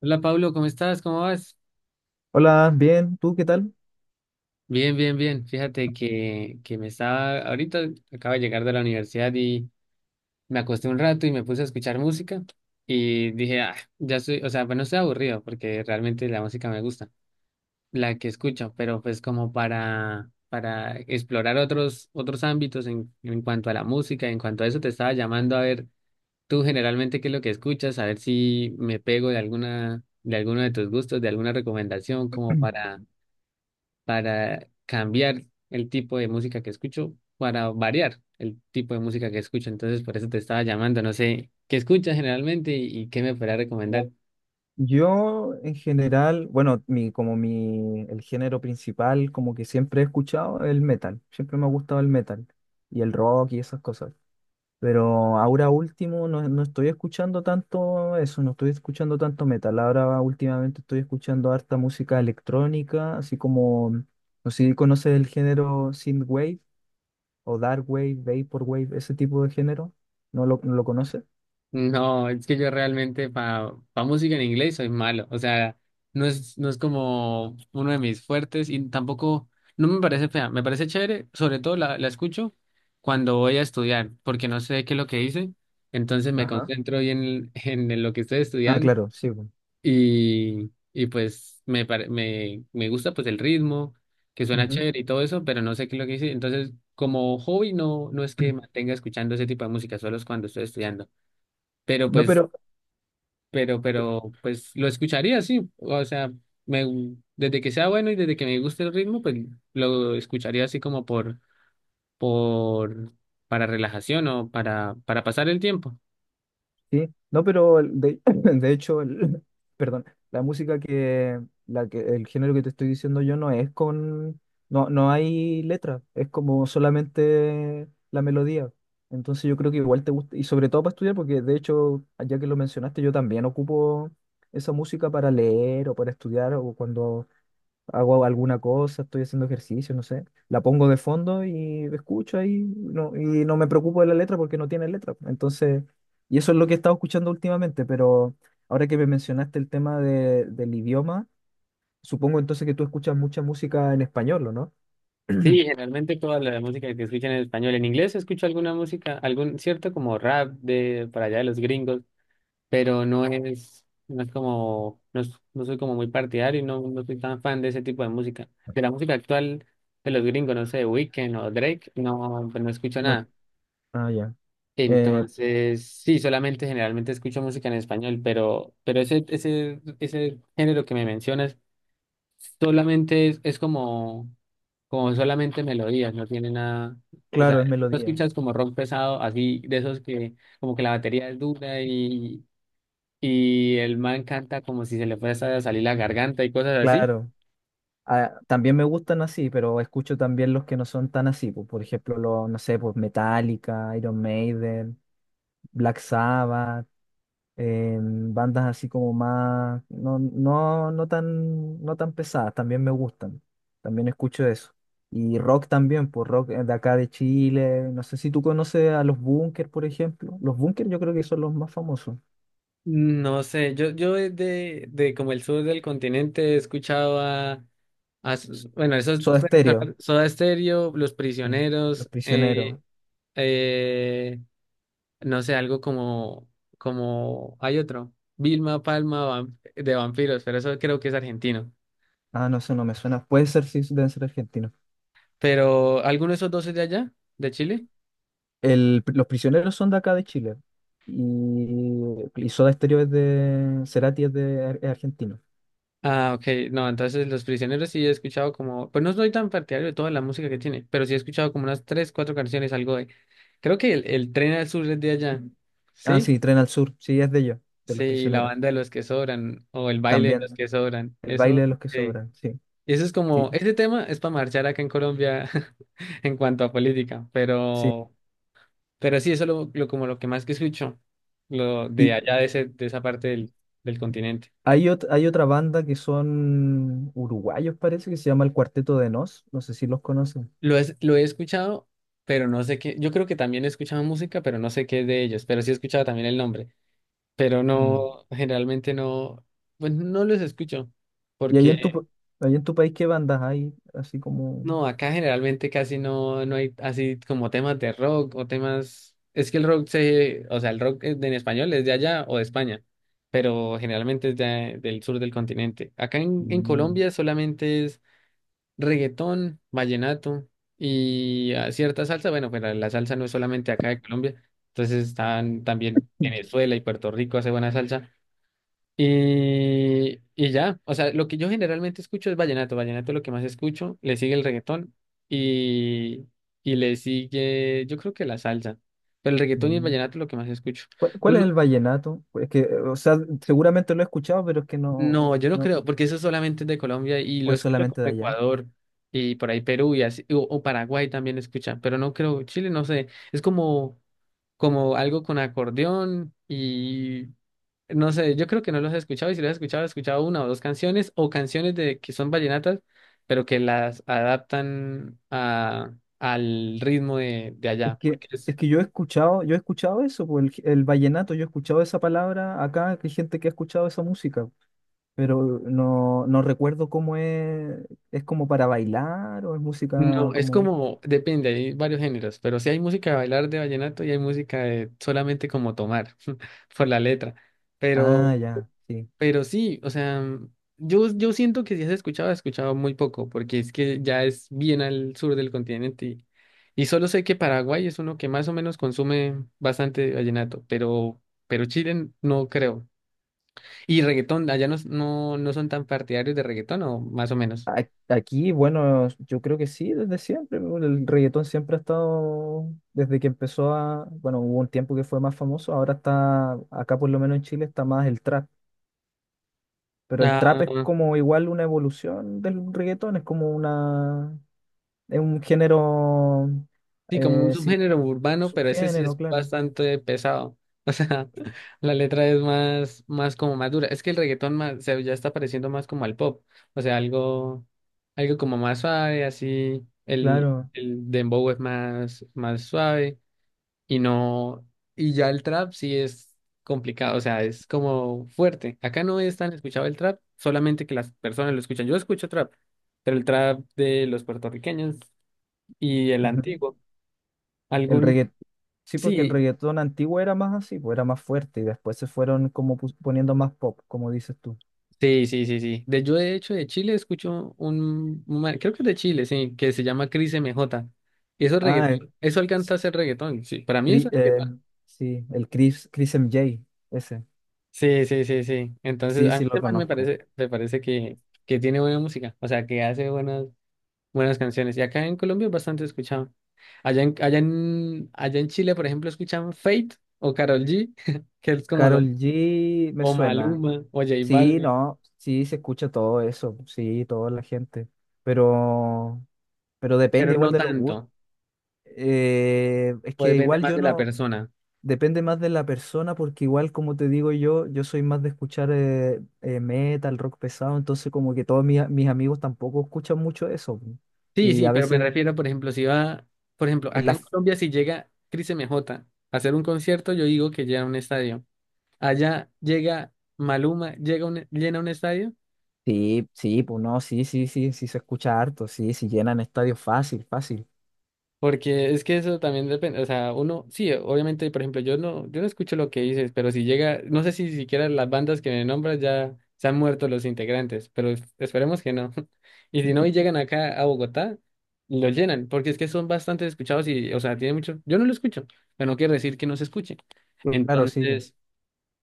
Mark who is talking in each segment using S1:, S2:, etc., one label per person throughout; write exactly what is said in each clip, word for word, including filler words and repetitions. S1: Hola Pablo, ¿cómo estás? ¿Cómo vas?
S2: Hola, bien, ¿tú qué tal?
S1: Bien, bien, bien. Fíjate que, que me estaba, ahorita acabo de llegar de la universidad y me acosté un rato y me puse a escuchar música y dije, ah, ya estoy, o sea, pues no estoy aburrido porque realmente la música me gusta, la que escucho, pero pues como para, para explorar otros, otros ámbitos en, en cuanto a la música, en cuanto a eso te estaba llamando a ver tú generalmente qué es lo que escuchas, a ver si me pego de alguna, de alguno de tus gustos, de alguna recomendación como para para cambiar el tipo de música que escucho, para variar el tipo de música que escucho. Entonces, por eso te estaba llamando. No sé qué escuchas generalmente y, y qué me podrás recomendar.
S2: Yo en general, bueno, mi, como mi, el género principal, como que siempre he escuchado el metal, siempre me ha gustado el metal y el rock y esas cosas. Pero ahora último no, no estoy escuchando tanto eso, no estoy escuchando tanto metal. Ahora últimamente estoy escuchando harta música electrónica, así como, no sé si conoces el género synthwave o darkwave, vaporwave, ese tipo de género. ¿No lo, no lo conoces?
S1: No, es que yo realmente para música en inglés soy malo. O sea, no es, no es como uno de mis fuertes y tampoco, no me parece fea. Me parece chévere, sobre todo la, la escucho cuando voy a estudiar, porque no sé qué es lo que hice. Entonces me
S2: Ajá.
S1: concentro bien en, en lo que estoy
S2: Ah,
S1: estudiando.
S2: claro, sí, pues.
S1: Y, y pues me, pare- me, me gusta pues el ritmo, que suena chévere y todo eso, pero no sé qué es lo que hice. Entonces, como hobby no, no es que mantenga escuchando ese tipo de música, solo es cuando estoy estudiando. Pero
S2: No,
S1: pues,
S2: pero,
S1: pero, pero, pues lo escucharía, sí. O sea, me, desde que sea bueno y desde que me guste el ritmo, pues lo escucharía así como por, por, para relajación o para, para pasar el tiempo.
S2: sí, no, pero el- de, de hecho, el, perdón, la música que, la que, el género que te estoy diciendo yo no es con, no, no hay letra, es como solamente la melodía. Entonces yo creo que igual te gusta, y sobre todo para estudiar, porque de hecho, ya que lo mencionaste, yo también ocupo esa música para leer o para estudiar o cuando hago alguna cosa, estoy haciendo ejercicio, no sé, la pongo de fondo y escucho ahí, no, y no me preocupo de la letra porque no tiene letra. Entonces, y eso es lo que he estado escuchando últimamente, pero ahora que me mencionaste el tema de- del idioma, supongo entonces que tú escuchas mucha música en español, ¿o no?
S1: Sí, generalmente toda la música que escuchan en español. En inglés escucho alguna música, algún cierto como rap de para allá de los gringos, pero no es, no es como, no, es- no soy como muy partidario y no, no soy tan fan de ese tipo de música. De la música actual de los gringos, no sé, Weekend o Drake, no, pues no escucho
S2: No,
S1: nada.
S2: ah, ya. Eh,
S1: Entonces, sí, solamente generalmente escucho música en español, pero, pero ese, ese, ese género que me mencionas solamente es, es como como solamente melodías, no tiene nada, o sea,
S2: claro, es
S1: no
S2: melodía.
S1: escuchas como rock pesado, así de esos que como que la batería es dura y, y el man canta como si se le fuese a salir la garganta y cosas así.
S2: Claro, ah, también me gustan así, pero escucho también los que no son tan así, pues, por ejemplo, los, no sé, pues Metallica, Iron Maiden, Black Sabbath, eh, bandas así como más, no, no, no tan, no tan pesadas, también me gustan. También escucho eso. Y rock también, pues rock eh, de acá de Chile. No sé si tú conoces a los Bunkers, por ejemplo. Los Bunkers yo creo que son los más famosos.
S1: No sé, yo, yo de, de de como el sur del continente he escuchado a, a s-
S2: S-
S1: bueno, esos
S2: Soda Stereo.
S1: Soda Stereo, Los
S2: Sí. Los
S1: Prisioneros,
S2: Prisioneros.
S1: eh, eh, no sé, algo como, como, hay otro, Vilma Palma vam- de vampiros, pero eso creo que es argentino.
S2: Ah, no sé, no me suena. Puede ser, sí, deben ser argentinos.
S1: Pero, ¿alguno de esos dos es de allá, de Chile?
S2: El, los prisioneros son de acá de Chile. Y, y Soda Stereo es de. Cerati es de ar- es argentino.
S1: Ah, ok, no, entonces Los Prisioneros sí he escuchado como, pues no soy tan partidario de toda la música que tiene, pero sí he escuchado como unas tres, cuatro canciones, algo de, creo que el, el Tren al Sur es de allá,
S2: Ah,
S1: ¿sí?
S2: sí, Tren al Sur. Sí, es de ellos, de los
S1: Sí, la
S2: prisioneros.
S1: banda de los que sobran, o el baile de los
S2: También.
S1: que sobran,
S2: El baile de
S1: eso,
S2: los que
S1: sí.
S2: sobran. Sí,
S1: Y eso es
S2: sí,
S1: como, este tema es para marchar acá en Colombia en cuanto a política,
S2: sí.
S1: pero... Pero sí, eso es lo, lo- como lo que más que escucho, lo
S2: Y
S1: de allá de, ese, de esa parte del, del continente.
S2: hay, ot- hay otra banda que son uruguayos, parece, que se llama el Cuarteto de Nos. No sé si los conocen.
S1: Lo, es, lo he escuchado, pero no sé qué. Yo creo que también he escuchado música, pero no sé qué es de ellos. Pero sí he escuchado también el nombre. Pero
S2: Mm.
S1: no, generalmente no, pues no los escucho,
S2: ¿Y ahí en tu, pa-
S1: porque
S2: ahí en tu país qué bandas hay? Así como.
S1: no, acá generalmente casi no, no hay así como temas de rock o temas. Es que el rock se, o sea, el rock es de- en español es de allá o de España, pero generalmente es de- del sur del continente. Acá en, en
S2: Mm,
S1: Colombia solamente es reggaetón, vallenato y ah, cierta salsa. Bueno, pero la salsa no es solamente acá de Colombia, entonces están también Venezuela y Puerto Rico hace buena salsa. Y, y ya, o sea, lo que yo generalmente escucho es vallenato, vallenato es lo que más escucho, le sigue el reggaetón y, y le sigue, yo creo que la salsa, pero el reggaetón y el
S2: mm.
S1: vallenato es lo que más escucho.
S2: ¿Cuál,
S1: Tú
S2: cuál es
S1: lo-
S2: el vallenato? Es que, o sea, seguramente lo he escuchado, pero es que
S1: no,
S2: no,
S1: yo no
S2: no,
S1: creo, porque eso solamente es de Colombia y
S2: o
S1: lo
S2: es
S1: escucho como
S2: solamente de allá.
S1: Ecuador y por ahí Perú y así, o, o Paraguay también escucha, pero no creo, Chile no sé, es como, como algo con acordeón. No sé, yo creo que no los he escuchado y si los he escuchado, he escuchado una o dos canciones o canciones de que son vallenatas, pero que las adaptan a, al ritmo de, de
S2: Es
S1: allá.
S2: que,
S1: Porque es,
S2: es que yo he escuchado, yo he escuchado eso, pues, el, g- el vallenato, yo he escuchado esa palabra acá, que hay gente que ha escuchado esa música, pero no, no recuerdo cómo es, es como para bailar o es música
S1: no, es
S2: como,
S1: como, depende, hay varios géneros, pero sí hay música de bailar de vallenato y hay música de solamente como tomar por la letra.
S2: ah,
S1: Pero
S2: ya, sí.
S1: Pero sí, o sea, mm, yo, yo siento que si has escuchado, has escuchado muy poco, porque es que ya es bien al sur del continente y, y solo sé que Paraguay es uno que más o menos consume bastante vallenato, pero, pero Chile no creo. Y reggaetón, allá no, no, no son tan partidarios de reggaetón o más o menos.
S2: a- Aquí, bueno, yo creo que sí, desde siempre. ¿No? El reggaetón siempre ha estado, desde que empezó a, bueno, hubo un tiempo que fue más famoso, ahora está, acá por lo menos en Chile está más el trap. Pero el trap
S1: Ah,
S2: es como igual una evolución del reggaetón, es como una, es un género,
S1: sí, como un
S2: eh, sí,
S1: subgénero urbano, pero ese sí
S2: subgénero,
S1: es
S2: claro.
S1: bastante pesado. O sea, la letra es más, más como más dura. Es que el reggaetón más, se- ya está pareciendo más como al pop. O sea, algo, algo como más suave, así. El,
S2: Claro.
S1: el dembow es más, más suave. Y no, y ya el trap sí es complicado. O sea, es como fuerte. Acá no es tan escuchado el trap, solamente que las personas lo escuchan. Yo escucho trap, pero el trap de los puertorriqueños y el
S2: Ujú.
S1: antiguo.
S2: El reggaetón, sí, porque el
S1: Sí,
S2: reggaetón antiguo era más así, pues era más fuerte y después se fueron como pus- poniendo más pop, como dices tú.
S1: sí, sí, sí, sí. De, yo de hecho de Chile escucho un, un man- creo que es de Chile, sí, que se llama Cris M J. Y eso es
S2: Ah, eh,
S1: reggaetón, eso alcanza
S2: sí,
S1: a ser reggaetón, sí. Para mí eso
S2: Cri-
S1: es
S2: eh,
S1: reggaetón.
S2: sí, el Chris, Chris eme jota, ese.
S1: Sí, sí, sí, sí. Entonces,
S2: Sí,
S1: a mí
S2: sí
S1: este
S2: lo
S1: man me
S2: conozco.
S1: parece, me parece que, que tiene buena música, o sea, que hace buenas, buenas canciones. Y acá en Colombia es bastante escuchado. Allá en, allá en, allá en Chile, por ejemplo, escuchan Fate o Karol G, que es como los,
S2: Carol G me
S1: o
S2: suena.
S1: Maluma o J
S2: Sí,
S1: Balvin,
S2: no, sí se escucha todo eso, sí, toda la gente. Pero, pero
S1: pero
S2: depende igual
S1: no
S2: de los gustos.
S1: tanto,
S2: Eh, es
S1: o
S2: que
S1: depende
S2: igual
S1: más
S2: yo
S1: de la
S2: no,
S1: persona.
S2: depende más de la persona, porque igual como te digo yo, yo soy más de escuchar eh, eh, metal, rock pesado, entonces como que todos mis, mis amigos tampoco escuchan mucho eso.
S1: Sí,
S2: Y
S1: sí,
S2: a
S1: pero me
S2: veces
S1: refiero, por ejemplo, si va, por ejemplo,
S2: en
S1: acá en
S2: las.
S1: Colombia, si llega Cris M J a hacer un concierto, yo digo que llena un estadio. Allá llega Maluma, llega un, llena un estadio.
S2: Sí, sí, pues no, sí, sí, sí, sí se escucha harto, sí, sí llenan estadios fácil, fácil.
S1: Porque es que eso también depende, o sea, uno, sí, obviamente, por ejemplo, yo no, yo no escucho lo que dices, pero si llega, no sé si siquiera las bandas que me nombras ya se han muerto los integrantes, pero es- esperemos que no. Y si no, y llegan acá a Bogotá, lo llenan, porque es que son bastante escuchados y, o sea, tiene mucho, yo no lo escucho, pero no quiere decir que no se escuche.
S2: Claro, sí, pues,
S1: Entonces,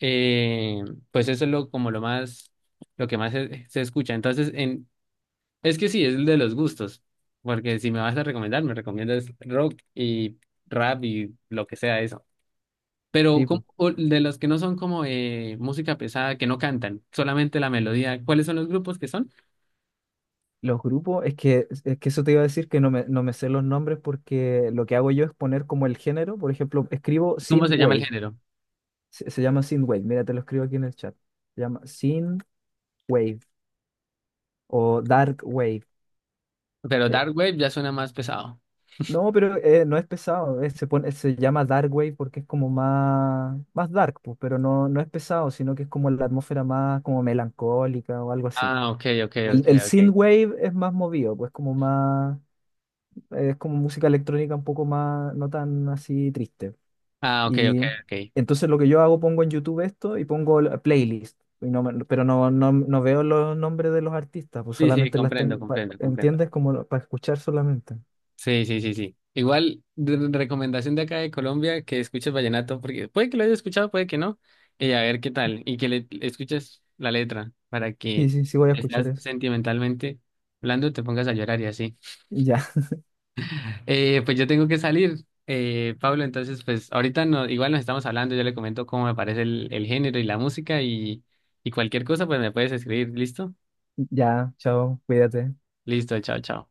S1: eh, pues eso es lo, como lo más, lo que más se, se escucha. Entonces, en, es que sí, es el de los gustos. Porque si me vas a recomendar, me recomiendas rock y rap y lo que sea eso. Pero
S2: sí, pues.
S1: ¿cómo- o de los que no son como eh, música pesada, que no cantan, solamente la melodía, ¿cuáles son los grupos que son?
S2: Los grupos, es que, es que eso te iba a decir que no me, no me sé los nombres porque lo que hago yo es poner como el género, por ejemplo, escribo
S1: ¿Cómo se llama el
S2: synthwave,
S1: género?
S2: se, se llama synthwave, mira, te lo escribo aquí en el chat, se llama synthwave o dark wave,
S1: Pero
S2: eh,
S1: Dark Wave ya suena más pesado.
S2: no, pero eh, no es pesado. Eh, se pone, se llama Dark Wave porque es como más, más dark, pues, pero no, no es pesado, sino que es como la atmósfera más como melancólica o algo así.
S1: Ah, ok, ok,
S2: El,
S1: ok,
S2: el synth
S1: ok.
S2: Wave es más movido, pues como más, es como música electrónica un poco más, no tan así triste.
S1: Ah, ok, ok,
S2: Y
S1: ok.
S2: entonces lo que yo hago, pongo en YouTube esto y pongo la playlist. Y no me- pero no, no, no veo los nombres de los artistas, pues
S1: Sí, sí,
S2: solamente las
S1: comprendo,
S2: tengo, pa-
S1: comprendo, comprendo.
S2: ¿entiendes? Como para escuchar solamente.
S1: Sí, sí, sí, sí. Igual, de- de recomendación de acá de Colombia, que escuches vallenato, porque puede que lo hayas escuchado, puede que no, y a ver qué tal, y que le le escuches la letra para
S2: Sí,
S1: que
S2: sí, sí voy a escuchar
S1: estás
S2: eso.
S1: sentimentalmente hablando, te pongas a llorar y así.
S2: Ya.
S1: Eh, pues yo tengo que salir, eh, Pablo, entonces pues ahorita no, igual nos estamos hablando, yo le comento cómo me parece el, el género y la música y, y cualquier cosa, pues me puedes escribir, ¿listo?
S2: Ya, chao, cuídate.
S1: Listo, chao, chao.